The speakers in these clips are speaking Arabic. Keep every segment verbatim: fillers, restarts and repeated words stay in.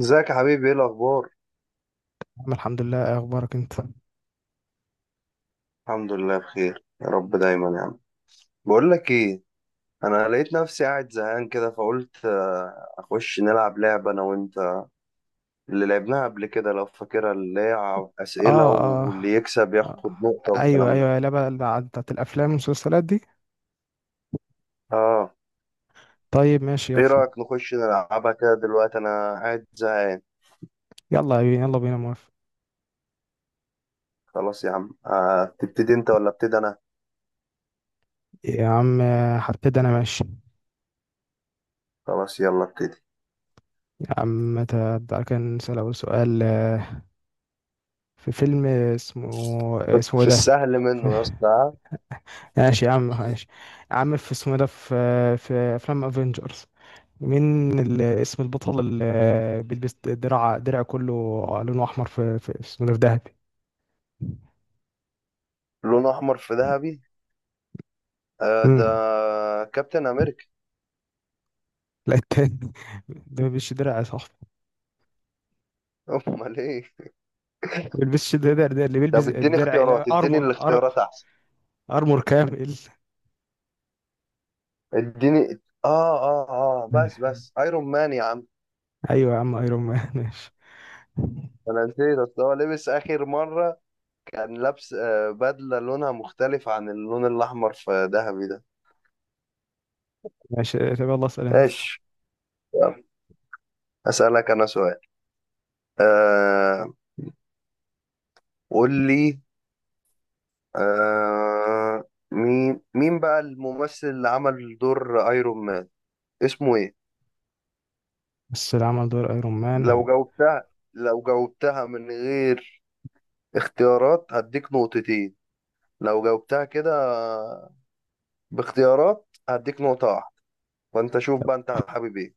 ازيك يا حبيبي؟ ايه الاخبار؟ أنا الحمد لله. إيه اخبارك انت؟ الحمد لله بخير يا رب دايما يا عم. بقول لك ايه. انا لقيت نفسي قاعد زهقان كده فقلت آه، اخش نلعب لعبه انا وانت اللي لعبناها قبل كده لو فاكرها، اللي هي ع- اسئله، اه اه واللي يكسب آه. ياخد نقطه ايوه والكلام ده. ايوه، لا بقى، لا، بتاعت الافلام والمسلسلات دي. اه. طيب ماشي، ايه يلا. رايك نخش نلعبها كده دلوقتي؟ انا قاعد زهقان. يلا بينا، يلا بينا، موافق. خلاص يا عم. آه، تبتدي انت ولا ابتدي انا؟ يا عم آه، هبتدي انا، ماشي. خلاص يلا ابتدي. يا عم ت- تعالى كده نسأل اول سؤال، آه، في فيلم اسمه اسمه إيه في ده؟ السهل ف- منه يا اسطى. ماشي يا عم، ماشي. يا عم في، اسمه إيه ده؟ في في افلام افنجرز، مين ال- اسم البطل اللي بيلبس درع؟ درع كله لونه احمر، في في اسمه إيه ده في؟ لونه احمر في ذهبي. آه، ده دهب. كابتن امريكا. لا، التاني ده ما بيلبسش درع يا صاحبي. امال ايه؟ ما بيلبسش درع، ده اللي بيلبس طب اديني درع، اختيارات، لا اديني ارمر، أر- الاختيارات احسن. ارمر كامل. اديني. اه اه اه، بس بس ايرون مان يا عم. ايوه يا عم، ايرون مان. ماشي انا نسيت، اصل هو لبس اخر مره كان لابس آه، بدله لونها مختلف عن اللون الاحمر في ذهبي ده. ماشي. طب يلا اسال انت. ماشي. يلا. اسالك انا سؤال. آه قول لي. آه مين مين بقى الممثل اللي عمل دور ايرون مان؟ اسمه ايه؟ بس اللي عمل دور ايرون لو مان. جاوبتها، لو جاوبتها من غير اختيارات هديك نقطتين. لو جاوبتها كده باختيارات هديك نقطة واحدة. فانت شوف بقى انت حابب ايه.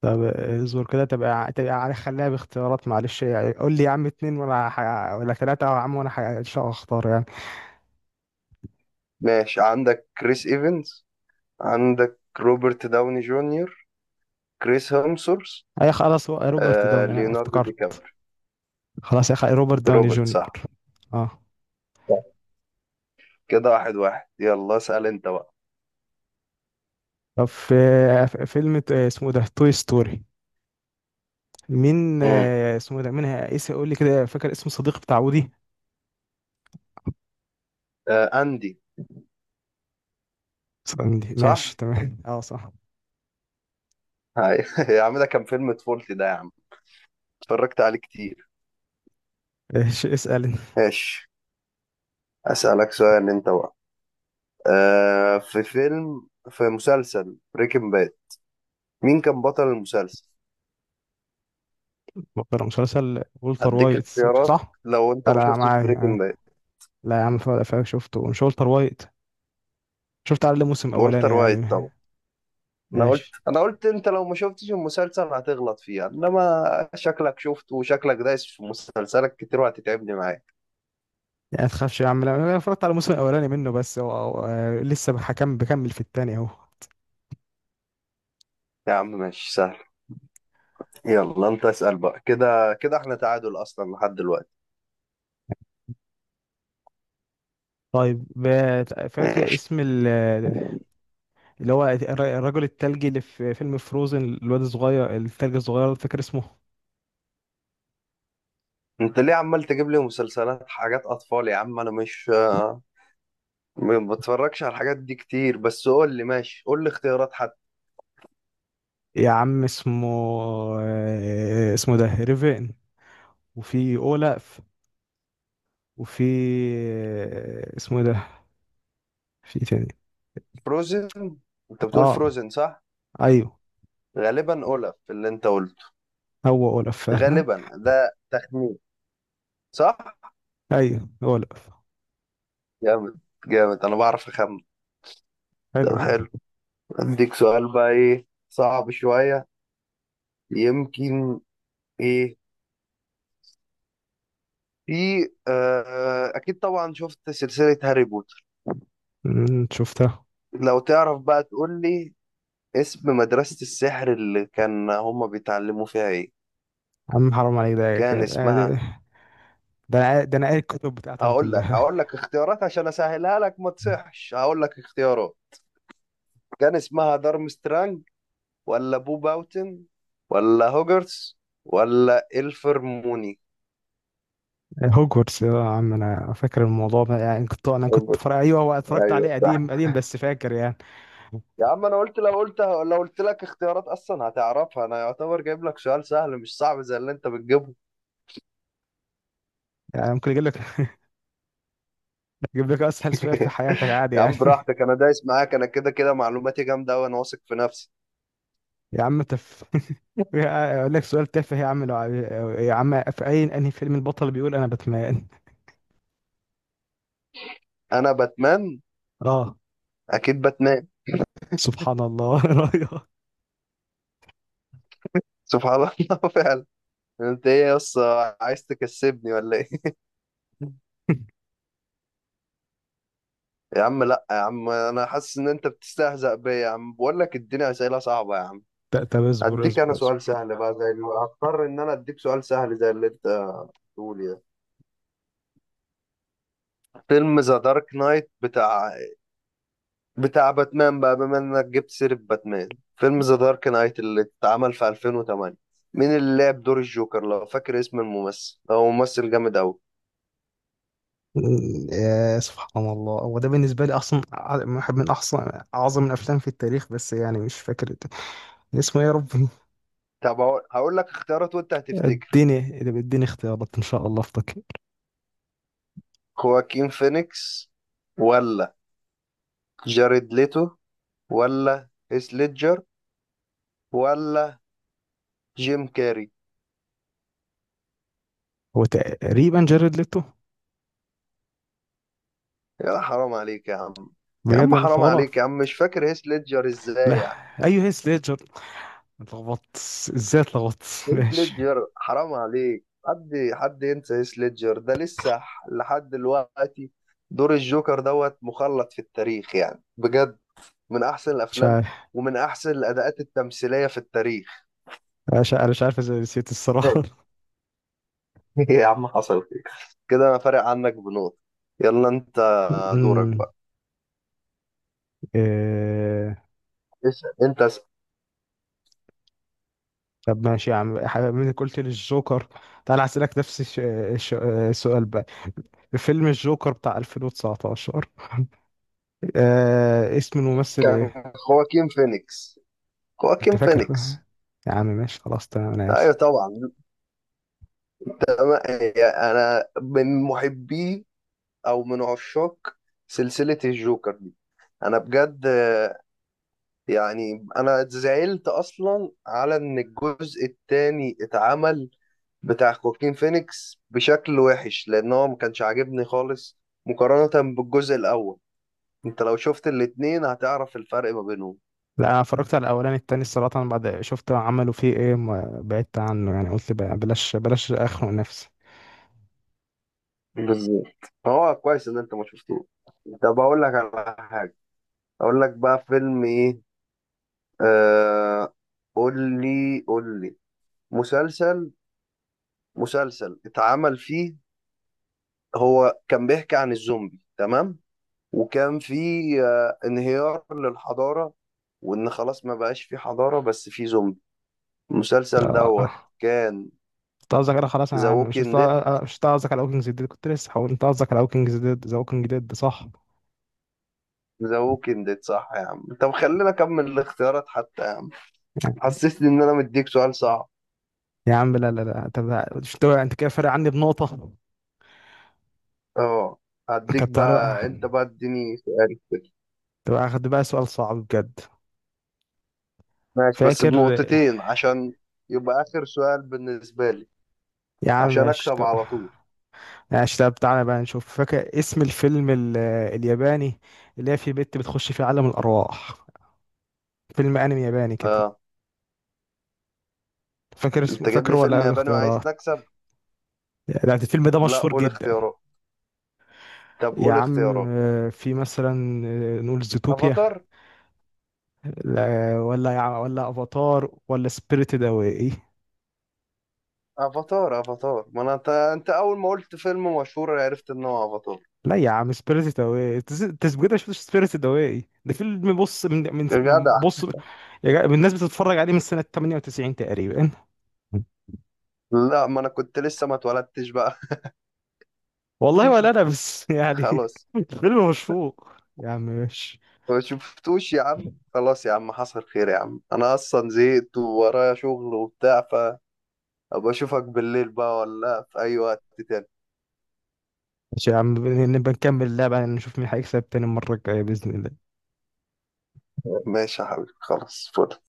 طب اصبر كده، تبقى ع- تبقى عارف، خليها باختيارات معلش يعني. قول لي يا عم اتنين ولا ح... ولا ثلاثة يا عم، وانا ح... ان شاء الله اختار يعني. ماشي. عندك كريس ايفنز، عندك روبرت داوني جونيور، كريس هيمسورث، اي خلاص، هو روبرت آه، داوني، انا ليوناردو دي افتكرت. كابري. خلاص يا اخي، روبرت داوني روبرت جونيور. صح. اه. صح. كده واحد واحد. يلا اسأل انت بقى. طب في، في فيلم ت- اسمه ده توي ستوري، مين مم. آه، اسمه ده؟ مين اسم، قول لي كده، فاكر اسم الصديق بتاع ودي؟ آه اندي. ساندي، صح؟ ماشي تمام، اه صح. هاي. يا عم ده كان فيلم طفولتي ده يا عم، اتفرجت عليه كتير. ايش، اسال انت. ماشي. اسألك سؤال انت بقى. آه في فيلم، في مسلسل بريكنج باد، مين كان بطل المسلسل؟ مقرر مسلسل ولتر هديك وايت. اختيارات صح. لو انت لا ما لا، شفتش معايا بريكنج معايا. باد. لا يا عم، فاهم فاهم، شفته. مش ولتر وايت؟ شفت على الموسم الاولاني والتر يعني. وايت طبعا. انا قلت ماشي. انا قلت انت لو ما شفتش المسلسل هتغلط فيها، انما شكلك شفته وشكلك دايس في مسلسلك كتير وهتتعبني معاك. يعني ما تخافش يا عم، لا، انا اتفرجت على الموسم الاولاني منه بس، هو هو- آه، لسه بحكم، بكمل في التاني اهو. يا عم ماشي سهل. يلا انت اسأل بقى، كده كده احنا تعادل اصلا لحد دلوقتي. طيب، ب- فاكر ماشي. اسم ال- اللي هو الر- الرجل التلجي اللي في فيلم فروزن، الواد الصغير التلج الصغير، فاكر اسمه؟ انت ليه عمال تجيب لي مسلسلات حاجات اطفال يا عم؟ انا مش ما بتفرجش على الحاجات دي كتير، بس قول لي، ماشي قول لي اختيارات حتى. يا عم اسمه، آه، اسمه ده ريفين، وفي اولاف، وفي آه، اسمه ده في تاني. فروزن. انت بتقول اه فروزن صح؟ ايوه، غالبا اولف اللي انت قلته. هو اولاف فعلا. غالبا ده تخمين، صح؟ ايوه، اولاف. جامد. جامد، انا بعرف اخمن. طب حلو حلو. حلو. اديك سؤال بقى ايه صعب شوية يمكن. ايه، في آه اكيد طبعا شفت سلسلة هاري بوتر. أمم، شفتها. لو تعرف بقى تقول لي اسم مدرسة السحر اللي كان هما بيتعلموا فيها ايه. عم حرام عليك، كان ده ده اسمها. ده انا قا- ده أنا قاري الكتب بتاعتها هقول لك كلها. هقول لك اختيارات عشان اسهلها لك، ما تصحش. هقول لك اختيارات. كان اسمها دارمسترانج، ولا بو باوتن، ولا هوجرتس، ولا الفرموني؟ هوجورتس آه، يا عم انا فاكر الموضوع ده يعني، كنت، انا كنت هوجرتس، فرق، ايوه هو اتفرجت ايوه عليه صح. قديم قديم، بس فاكر يعني. يا عم انا قلت، لو قلت لو قلت لك اختيارات اصلا هتعرفها. انا يعتبر جايب لك سؤال سهل، مش صعب زي اللي انت بتجيبه. يعني ممكن اجيب لك، اجيب لك اسهل سؤال في حياتك عادي يا يعني. عم براحتك، انا دايس معاك، انا كده كده معلوماتي جامده وانا واثق في نفسي. يا عم تف. يا- اقول لك سؤال تافه يا عم لو عايز- يا عم، في اي، انهي فيلم البطل بيقول انا باتمان؟ انا باتمان. اه. اكيد باتمان. سبحان الله رايح. سبحان الله فعلا. انت ايه يا اسطى، عايز تكسبني ولا ايه؟ يا عم لا يا عم، انا حاسس ان انت بتستهزأ بيا يا عم، بقول لك اديني اسئله صعبه يا عم. ت- طب اصبر اديك انا اصبر سؤال اصبر. سهل بقى زي اللي، هضطر ان انا اديك سؤال سهل زي اللي انت بتقول ده. فيلم ذا دارك نايت، بتاع بتاع باتمان بقى بما انك جبت سيرة باتمان، فيلم ذا دارك نايت اللي اتعمل في ألفين وتمانية، مين اللي لعب دور الجوكر؟ لو فاكر اسم الممثل، هو ممثل جامد قوي. يا سبحان الله، هو ده بالنسبه لي اصلا ع- واحد من احسن، اعظم الافلام في التاريخ، بس يعني مش فاكر اسمه إيه يا ربي. طب هقول هقول لك اختيارات وانت هتفتكر. اديني اديني اختيارات، ان شاء الله افتكر. خواكين فينيكس، ولا جاريد ليتو، ولا هيث ليدجر، ولا جيم كاري؟ هو تقريبا جاريد ليتو. يا حرام عليك يا عم. يا بجد عم انا قلت حرام عليك يا غلط. عم، مش فاكر هيث ليدجر ازاي لا يعني؟ ايوه، هيث ليدجر. اتلخبطت، ازاي اتلخبطت. هيث ماشي. ليدجر، حرام عليك، حد حد ينسى هيث ليدجر، ده لسه ح- لحد دلوقتي دور الجوكر دوت مخلد في التاريخ يعني بجد، من احسن مش الافلام عارف. ومن احسن الاداءات التمثيليه في التاريخ. مش- انا مش عارف ازاي نسيت الصراحه. يا عم حصل خير. كده انا فارق عنك بنقطة. يلا انت دورك أمم، بقى. إيه... اسأل انت اسأل. طب ماشي يا عم، حاجة- من قلت لي الجوكر، تعال اسالك نفس الش... الش... السؤال بقى. فيلم الجوكر بتاع ألفين وتسعتاشر، آه... اسم الممثل كان ايه؟ خواكين فينيكس. انت خواكين فاكر؟ فينيكس، يا عم ماشي، خلاص تمام، انا ايوه اسف. طبعا. أما يعني، أنا من محبي أو من عشاق سلسلة الجوكر دي. أنا بجد، آه، يعني أنا زعلت أصلا على إن الجزء التاني اتعمل بتاع خواكين فينيكس بشكل وحش، لأن هو ما كانش عاجبني خالص مقارنة بالجزء الأول. أنت لو شفت الاتنين هتعرف الفرق ما بينهم. لا انا اتفرجت على الاولاني، التاني الصراحه أنا بعد شفت عملوا فيه ايه ما بعدت عنه، يعني قلت بقى بلاش، بلاش اخنق نفسي. بالظبط. هو كويس إن أنت ما شفتوه. طب أقول لك على حاجة. أقول لك بقى فيلم إيه. آه قول لي، قول لي مسلسل مسلسل اتعمل فيه، هو كان بيحكي عن الزومبي، تمام؟ وكان فيه آه انهيار للحضارة، وإن خلاص ما بقاش فيه حضارة بس فيه زومبي. المسلسل دوت آه. كان انت قصدك انا خلاص ذا انا عم- مش قصد- ووكينج ديد. مش انت قصدك على ووكينج ديد؟ كنت لسه هقول انت قصدك على ووكينج ديد، ذا ووكينج ديد، صح. ذا ووكينج ديد صح يا عم. طب خلينا أكمل الاختيارات حتى يا عم، يعني. حسسني إن أنا مديك سؤال صعب. يا عم لا لا لا، طب مش انت، انت كده فارق عني بنقطة. اه. هديك طب تعالى بقى، بقى أنت بقى اديني سؤال. طب هاخد بقى سؤال صعب بجد. ماشي، بس فاكر بنقطتين عشان يبقى آخر سؤال بالنسبة لي، يا عم؟ عشان ماشي أكسب طب. على طول. ماشي، طب تعالى بقى نشوف، فاكر اسم الفيلم ال... الياباني اللي هي في بنت بتخش في عالم الارواح؟ فيلم انمي ياباني كده، آه فاكر اسمه؟ أنت جايب فاكره؟ لي ولا فيلم اقول ياباني وعايز اختيارات؟ نكسب؟ يعني الفيلم ده لا مشهور قول جدا. اختيارات. طب يا قول عم اختيارات. آه، في مثلا، آه، نقول زوتوبيا. أفاتار. لا، ولا يع- ولا افاتار، ولا سبيريتد اواي. أفاتار أفاتار ما أنا، أنت أنت أول ما قلت فيلم مشهور عرفت إن هو أفاتار. لا يا عم، سبيريتد اواي، تسجيل، مش سبيريتد اواي ده فيلم، بص، من من يا من- جدع. بص يا جا- الناس بتتفرج عليه من سنة تمنية وتسعين تقريبا. لا ما أنا كنت لسه ما اتولدتش بقى. والله، ولا انا بس يعني. خلاص. الفيلم مشفوق يا عم، ماشي. ما شفتوش يا عم، خلاص يا عم حصل خير يا عم، أنا أصلا زهقت وورايا شغل وبتاع، فأبقى أشوفك بالليل بقى ولا في أي وقت تاني. ماشي يا عم، نبقى نكمل اللعبة نشوف مين هيكسب تاني المرة الجاية بإذن الله. ماشي يا حبيبي خلاص فل.